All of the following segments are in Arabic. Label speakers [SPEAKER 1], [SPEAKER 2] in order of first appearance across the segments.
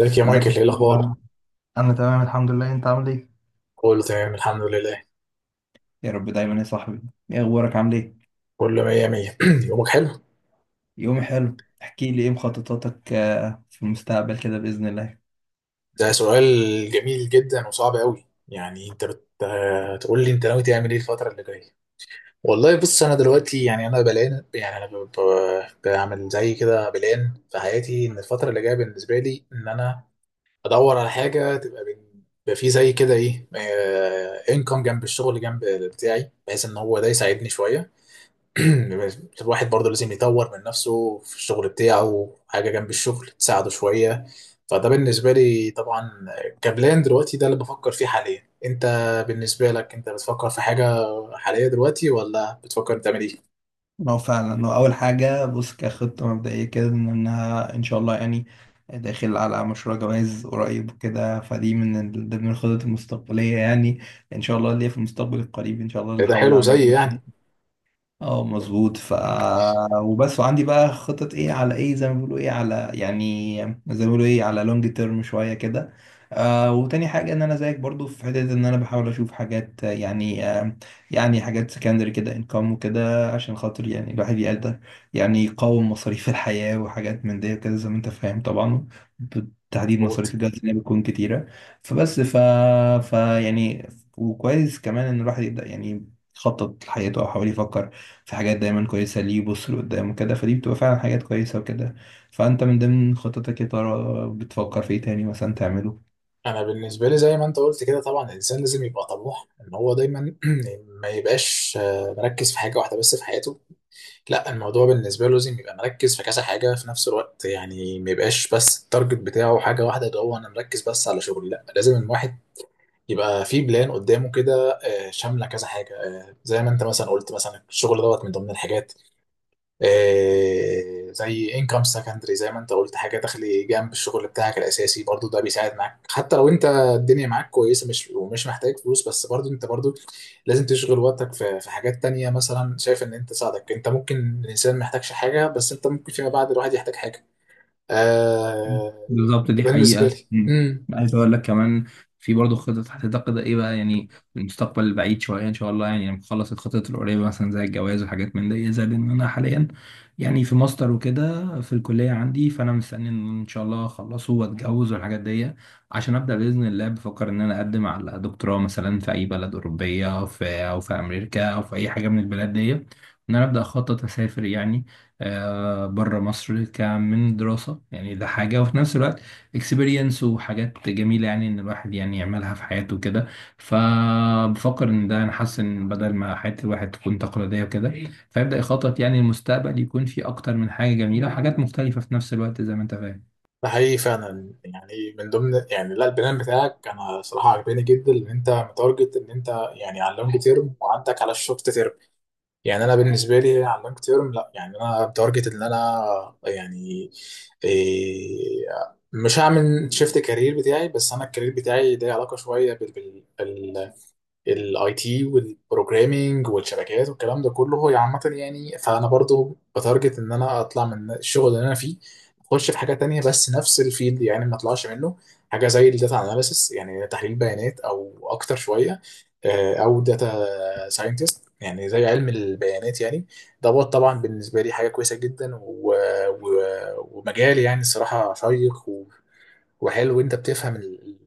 [SPEAKER 1] ازيك يا
[SPEAKER 2] ازيك
[SPEAKER 1] مايكل؟
[SPEAKER 2] يا
[SPEAKER 1] ايه الاخبار؟
[SPEAKER 2] محمد؟ انا تمام الحمد لله، انت عامل ايه؟
[SPEAKER 1] كله تمام الحمد لله.
[SPEAKER 2] يا رب دايما يا صاحبي. ايه اخبارك عامل ايه؟
[SPEAKER 1] كله مية مية. يومك حلو.
[SPEAKER 2] يوم حلو، احكي لي ايه مخططاتك في المستقبل كده باذن الله.
[SPEAKER 1] ده سؤال جميل جدا وصعب قوي. يعني انت تقول لي انت ناوي تعمل ايه الفتره اللي جايه؟ والله بص، انا دلوقتي يعني انا بلان، يعني انا بعمل زي كده بلان في حياتي، ان الفتره اللي جايه بالنسبه لي ان انا ادور على حاجه تبقى يبقى في زي كده ايه، انكم جنب الشغل جنب بتاعي، بحيث ان هو ده يساعدني شويه. الواحد برضه لازم يطور من نفسه في الشغل بتاعه، حاجة جنب الشغل تساعده شوية. فده بالنسبة لي طبعا كبلان دلوقتي، ده اللي بفكر فيه حاليا. انت بالنسبة لك، انت بتفكر في حاجة حالية دلوقتي ولا بتفكر تعمل ايه؟
[SPEAKER 2] ما هو فعلا، هو اول حاجه بص كخطه مبدئيه كده ان انها ان شاء الله يعني داخل على مشروع جواز قريب وكده، فدي ضمن الخطط المستقبليه يعني ان شاء الله اللي هي في المستقبل القريب ان شاء الله اللي
[SPEAKER 1] ده
[SPEAKER 2] هحاول
[SPEAKER 1] حلو زي
[SPEAKER 2] اعملها.
[SPEAKER 1] يعني.
[SPEAKER 2] اه مظبوط. وبس، وعندي بقى خطط ايه على ايه زي ما بيقولوا ايه على لونج تيرم شويه كده. وتاني حاجه ان انا زيك برضو في حته ان انا بحاول اشوف حاجات يعني حاجات سكندري كده انكم وكده عشان خاطر يعني الواحد يقدر يعني يقاوم مصاريف الحياه وحاجات من دي وكده، زي ما انت فاهم طبعا، بالتحديد مصاريف
[SPEAKER 1] مظبوط.
[SPEAKER 2] الجواز اللي بتكون كتيره. فبس ف... ف يعني وكويس كمان ان الواحد يبدا يعني يخطط لحياته او حاول يفكر في حاجات دايما كويسة ليه يبص لقدام وكده، فدي بتبقى فعلا حاجات كويسة وكده. فأنت من ضمن خططك يا ترى بتفكر في إيه تاني مثلا تعمله؟
[SPEAKER 1] انا بالنسبه لي زي ما انت قلت كده، طبعا الانسان لازم يبقى طموح، ان هو دايما ما يبقاش مركز في حاجه واحده بس في حياته. لا، الموضوع بالنسبة له لازم يبقى مركز في كذا حاجة في نفس الوقت. يعني ما يبقاش بس التارجت بتاعه حاجة واحدة، اللي هو أنا مركز بس على شغلي. لا، لازم الواحد يبقى في بلان قدامه كده، شاملة كذا حاجة. زي ما أنت مثلا قلت، مثلا الشغل دوت من ضمن الحاجات. زي انكم سكندري، زي ما انت قلت حاجه تخلي جنب الشغل بتاعك الاساسي. برضو ده بيساعد معاك، حتى لو انت الدنيا معاك كويسه، مش ومش محتاج فلوس، بس برضو انت برضو لازم تشغل وقتك في حاجات تانية. مثلا شايف ان انت تساعدك، انت ممكن الانسان ما يحتاجش حاجه، بس انت ممكن فيما بعد الواحد يحتاج حاجه. آه
[SPEAKER 2] بالظبط، دي
[SPEAKER 1] بالنسبه
[SPEAKER 2] حقيقة.
[SPEAKER 1] لي
[SPEAKER 2] مم. عايز أقول لك كمان في برضه خطط هتتقد إيه بقى يعني المستقبل البعيد شوية إن شاء الله، يعني لما أخلص الخطط القريبة مثلا زي الجواز وحاجات من دي، زائد إن أنا حاليا يعني في ماستر وكده في الكلية عندي، فأنا مستني إن إن شاء الله أخلصه وأتجوز والحاجات دي عشان أبدأ بإذن الله بفكر إن أنا أقدم على دكتوراه مثلا في أي بلد أوروبية، أو في أمريكا أو في أي حاجة من البلاد دي، إن أنا أبدأ أخطط أسافر يعني بره مصر كمن دراسة. يعني ده حاجة، وفي نفس الوقت اكسبيرينس وحاجات جميلة يعني ان الواحد يعني يعملها في حياته كده. فبفكر ان ده، انا حاسس ان بدل ما حياة الواحد تكون تقليدية وكده، فيبدأ يخطط يعني المستقبل يكون فيه اكتر من حاجة جميلة وحاجات مختلفة في نفس الوقت زي ما انت فاهم.
[SPEAKER 1] ده حقيقي فعلا. يعني من ضمن يعني، لا، البلان بتاعك انا صراحه عجباني جدا، ان انت متارجت ان انت يعني على اللونج تيرم، وعندك على الشورت تيرم. يعني انا بالنسبه لي على اللونج تيرم، لا يعني انا بتارجت ان انا يعني إيه، مش هعمل شيفت كارير بتاعي. بس انا الكارير بتاعي ليه علاقه شويه بالاي تي والبروجرامينج والشبكات والكلام ده كله هو عامه. يعني فانا برضو بتارجت ان انا اطلع من الشغل اللي انا فيه، اخش في حاجه تانية بس نفس الفيلد، يعني ما اطلعش منه، حاجه زي الداتا اناليسس، يعني تحليل بيانات، او اكتر شويه او data ساينتست، يعني زي علم البيانات يعني، دوت. طبعا بالنسبه لي حاجه كويسه جدا و... ومجال يعني الصراحه شيق وحلو. وانت بتفهم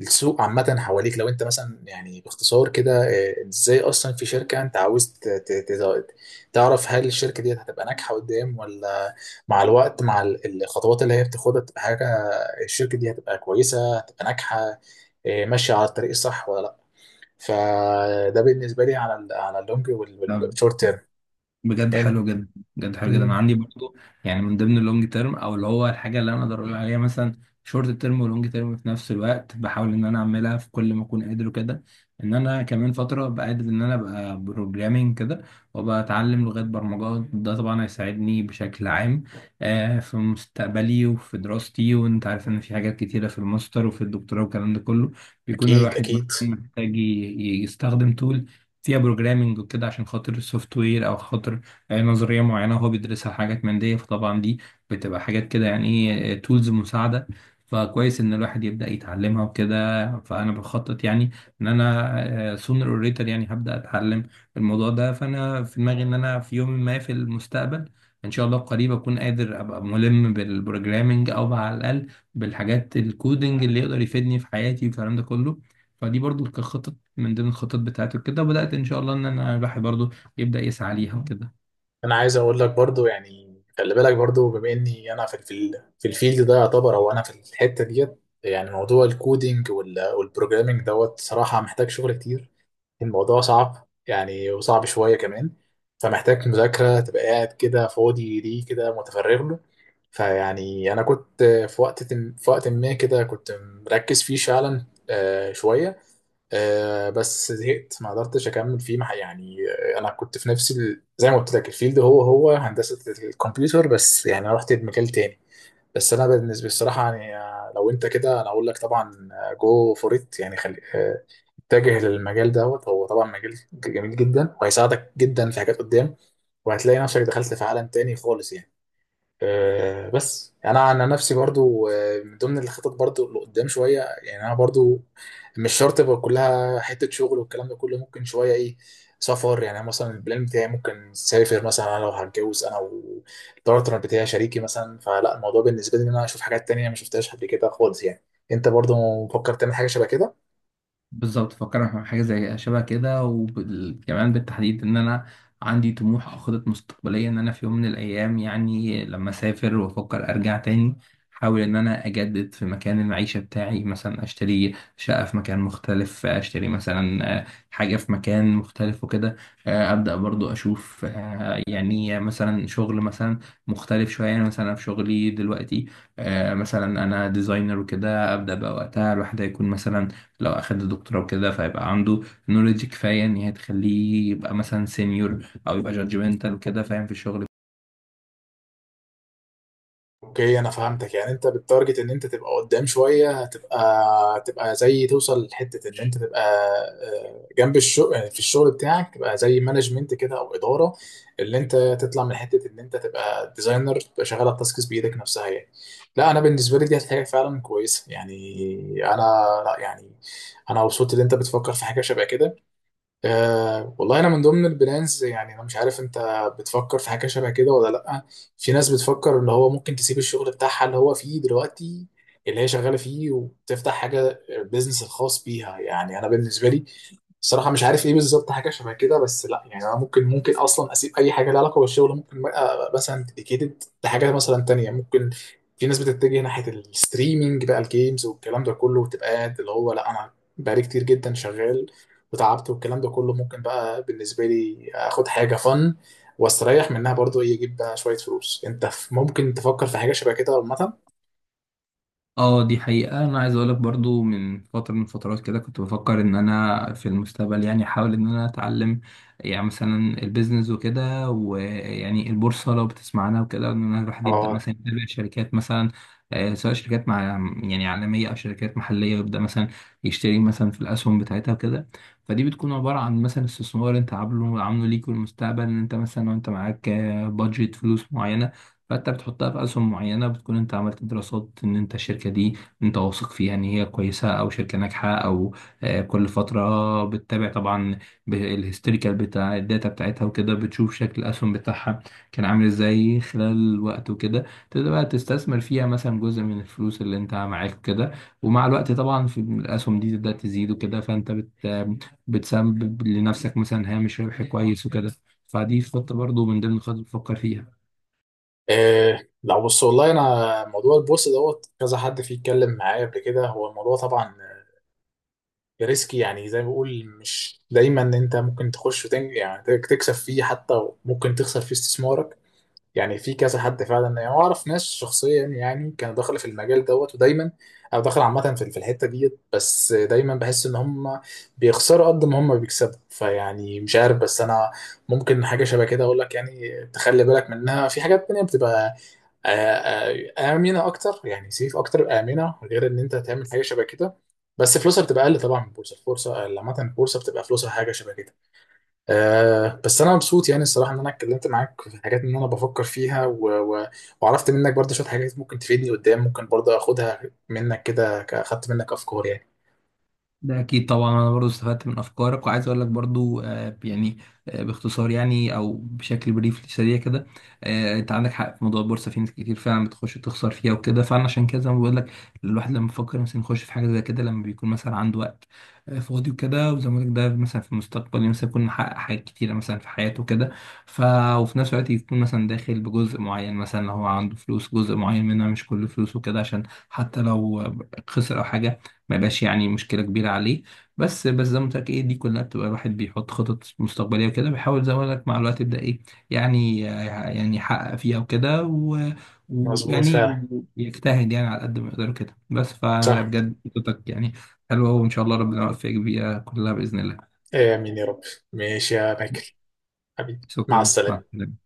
[SPEAKER 1] السوق عامه حواليك. لو انت مثلا يعني باختصار كده، ازاي اصلا في شركه انت عاوز تعرف هل الشركه دي هتبقى ناجحه قدام، ولا مع الوقت مع الخطوات اللي هي بتاخدها تبقى حاجه الشركه دي هتبقى كويسه، هتبقى ناجحه ماشيه على الطريق الصح ولا لا. فده بالنسبه لي على ال على اللونج والشورت تيرم
[SPEAKER 2] بجد حلو
[SPEAKER 1] يعني.
[SPEAKER 2] جدا، بجد حلو جدا، انا
[SPEAKER 1] مم.
[SPEAKER 2] عندي برضو يعني من ضمن اللونج تيرم او اللي هو الحاجه اللي انا اقدر اقول عليها مثلا شورت تيرم ولونج تيرم في نفس الوقت، بحاول ان انا اعملها في كل ما اكون قادر وكده. ان انا كمان فتره بقدر ان انا ابقى بروجرامينج كده وابقى اتعلم لغات برمجه، ده طبعا هيساعدني بشكل عام في مستقبلي وفي دراستي، وانت عارف ان في حاجات كتيره في الماستر وفي الدكتوراه والكلام ده كله بيكون
[SPEAKER 1] اكيد
[SPEAKER 2] الواحد
[SPEAKER 1] اكيد.
[SPEAKER 2] مثلا محتاج يستخدم تول فيها بروجرامنج وكده عشان خاطر السوفت وير او خاطر نظريه معينه هو بيدرسها، حاجات من دي. فطبعا دي بتبقى حاجات كده يعني ايه تولز مساعده. فكويس ان الواحد يبدا يتعلمها وكده، فانا بخطط يعني ان انا سونر اور ليتر يعني هبدا اتعلم الموضوع ده. فانا في دماغي ان انا في يوم ما في المستقبل ان شاء الله قريب اكون قادر ابقى ملم بالبروجرامنج او على الاقل بالحاجات الكودنج اللي يقدر يفيدني في حياتي والكلام ده كله. فدي برضو كخطط من ضمن الخطط بتاعته كده، وبدأت إن شاء الله إن أنا الواحد برضه يبدأ يسعى ليها وكده.
[SPEAKER 1] انا عايز اقول لك برضو يعني، خلي بالك برضو بما اني انا في الفيلد ده يعتبر، او انا في الحته ديت، يعني موضوع الكودينج والبروجرامينج دوت صراحه محتاج شغل كتير. الموضوع صعب يعني، وصعب شوية كمان. فمحتاج مذاكرة، تبقى قاعد كده فاضي ليه، كده متفرغ له. فيعني أنا كنت في وقت ما كده كنت مركز فيه فعلا شوية. بس زهقت، ما قدرتش أكمل فيه يعني أنا كنت في نفس زي ما قلت لك الفيلد هو هندسة الكمبيوتر، بس يعني أنا رحت مجال تاني. بس انا بالنسبه الصراحه يعني، لو انت كده انا اقول لك طبعا جو فور ات، يعني خلي اتجه للمجال دوت. هو طبعا مجال جميل جدا وهيساعدك جدا في حاجات قدام، وهتلاقي نفسك دخلت في عالم تاني خالص يعني. بس انا عن نفسي برضو، من ضمن الخطط برضو اللي قدام شويه، يعني انا برضو مش شرط يبقى كلها حته شغل والكلام ده كله، ممكن شويه ايه سفر. يعني أنا مثلا البلان بتاعي ممكن سافر مثلا انا لو هتجوز انا والبارتنر بتاعي شريكي مثلا، فلا الموضوع بالنسبه لي ان انا اشوف حاجات تانية ما شفتهاش قبل كده خالص يعني. انت برضو مفكر تعمل حاجه شبه كده؟
[SPEAKER 2] بالظبط، فكرنا في حاجة زي شبه كده، وكمان بالتحديد إن أنا عندي طموح أو خطط مستقبلية إن أنا في يوم من الأيام يعني لما أسافر وأفكر أرجع تاني أحاول إن أنا أجدد في مكان المعيشة بتاعي، مثلا أشتري شقة في مكان مختلف، أشتري مثلا حاجة في مكان مختلف وكده. أبدأ برضو أشوف يعني مثلا شغل مثلا مختلف شوية، يعني مثلا أنا في شغلي دلوقتي مثلا أنا ديزاينر وكده، أبدأ بقى وقتها الواحد هيكون مثلا لو أخد دكتوراه وكده فهيبقى عنده نوليدج كفاية إن هي تخليه يبقى مثلا سينيور أو يبقى جادجمنتال وكده فاهم في الشغل.
[SPEAKER 1] اوكي، انا فهمتك. يعني انت بالتارجت ان انت تبقى قدام شويه، هتبقى زي توصل لحته ان انت تبقى جنب الشغل في الشغل بتاعك تبقى زي مانجمنت كده او اداره، اللي انت تطلع من حته ان انت تبقى ديزاينر تبقى شغال على التاسكس بايدك نفسها يعني. لا، انا بالنسبه لي دي حاجه فعلا كويسه يعني. انا، لا يعني، انا مبسوط ان انت بتفكر في حاجه شبه كده. أه والله، انا من ضمن البلانز. يعني انا مش عارف انت بتفكر في حاجه شبه كده ولا لا. في ناس بتفكر ان هو ممكن تسيب الشغل بتاعها اللي هو فيه دلوقتي، اللي هي شغاله فيه، وتفتح حاجه البيزنس الخاص بيها. يعني انا بالنسبه لي الصراحة مش عارف ايه بالظبط حاجة شبه كده، بس لا يعني انا ممكن اصلا اسيب اي حاجة لها علاقة بالشغل، ممكن بقى مثلا ديديكيتد لحاجة مثلا تانية ممكن. في ناس بتتجه ناحية الستريمينج بقى الجيمز والكلام ده كله، وتبقى قاعد اللي هو لا انا بقالي كتير جدا شغال وتعبت والكلام ده كله. ممكن بقى بالنسبة لي اخد حاجة فن واستريح منها، برضو ايه اجيب بقى شوية فلوس. انت ممكن تفكر في حاجة شبه كده عامة؟
[SPEAKER 2] اه دي حقيقة. أنا عايز أقولك برضو من فترة من فترات كده كنت بفكر إن أنا في المستقبل يعني أحاول إن أنا أتعلم يعني مثلا البيزنس وكده، ويعني البورصة لو بتسمع عنها وكده إن أنا الواحد يبدأ
[SPEAKER 1] آه،
[SPEAKER 2] مثلا يتابع شركات مثلا سواء شركات يعني عالمية أو شركات محلية ويبدأ مثلا يشتري مثلا في الأسهم بتاعتها وكده. فدي بتكون عبارة عن مثلا استثمار أنت عامله ليك في المستقبل، إن أنت مثلا وأنت معاك بادجت فلوس معينة، فانت بتحطها في اسهم معينه بتكون انت عملت دراسات ان انت الشركه دي انت واثق فيها ان هي كويسه او شركه ناجحه، او كل فتره بتتابع طبعا الهيستوريكال بتاع الداتا بتاعتها وكده، بتشوف شكل الاسهم بتاعها كان عامل ازاي خلال الوقت وكده. تبدا بقى تستثمر فيها مثلا جزء من الفلوس اللي انت معاك وكده، ومع الوقت طبعا في الاسهم دي تبدا تزيد وكده، فانت بتسبب لنفسك مثلا هامش ربح كويس وكده. فدي خطة برضو من ضمن الخطط اللي بفكر فيها.
[SPEAKER 1] إيه لو بص، والله انا موضوع البورصه دوت كذا حد فيه اتكلم معايا قبل كده. هو الموضوع طبعا ريسكي يعني، زي ما بقول مش دايما ان انت ممكن تخش وتنج يعني تكسب فيه، حتى ممكن تخسر فيه استثمارك. يعني في كذا حد فعلا، يعني اعرف ناس شخصيا يعني كانوا داخل في المجال دوت ودايما، او داخل عامه في الحته ديت، بس دايما بحس ان هم بيخسروا قد ما هم بيكسبوا. فيعني مش عارف، بس انا ممكن حاجه شبه كده اقول لك يعني تخلي بالك منها، في حاجات تانية بتبقى آه، آمنة أكتر يعني سيف أكتر، آمنة غير إن أنت تعمل حاجة شبه كده، بس فلوسها بتبقى أقل طبعا من البورصة. البورصة عامة البورصة بتبقى فلوسها حاجة شبه كده. بس أنا مبسوط يعني الصراحة، إن أنا اتكلمت معاك في حاجات إن أنا بفكر فيها و... وعرفت منك برضه شوية حاجات ممكن تفيدني قدام. ممكن برضه أخدها منك كده، أخدت منك أفكار يعني.
[SPEAKER 2] ده اكيد طبعا، انا برضو استفدت من افكارك، وعايز اقول لك برضو يعني باختصار يعني او بشكل بريف سريع كده. انت عندك حق في موضوع البورصه، في ناس كتير فعلا بتخش تخسر فيها وكده، فانا عشان كده زي ما بقول لك، الواحد لما بيفكر مثلا يخش في حاجه زي كده لما بيكون مثلا عنده وقت فاضي وكده. وزي ما بقول لك ده مثلا في المستقبل يعني مثلا يكون محقق حاجات كتيره مثلا في حياته كده. ف وفي نفس الوقت يكون مثلا داخل بجزء معين، مثلا لو هو عنده فلوس جزء معين منها مش كل فلوسه كده، عشان حتى لو خسر او حاجه ما يبقاش يعني مشكلة كبيرة عليه. بس زي ما قلت لك ايه دي كلها بتبقى الواحد بيحط خطط مستقبلية وكده، بيحاول زي ما قلت لك مع الوقت يبدأ ايه، يعني يحقق فيها وكده
[SPEAKER 1] مظبوط
[SPEAKER 2] ويعني
[SPEAKER 1] فعلا.
[SPEAKER 2] يجتهد يعني على قد ما يقدر كده بس.
[SPEAKER 1] صح.
[SPEAKER 2] فبجد خطتك يعني حلوة، وإن شاء الله ربنا يوفقك بيها كلها بإذن الله.
[SPEAKER 1] آمين يا رب. ماشي يا مايكل حبيبي. مع
[SPEAKER 2] شكرا، مع
[SPEAKER 1] السلامة.
[SPEAKER 2] السلامة.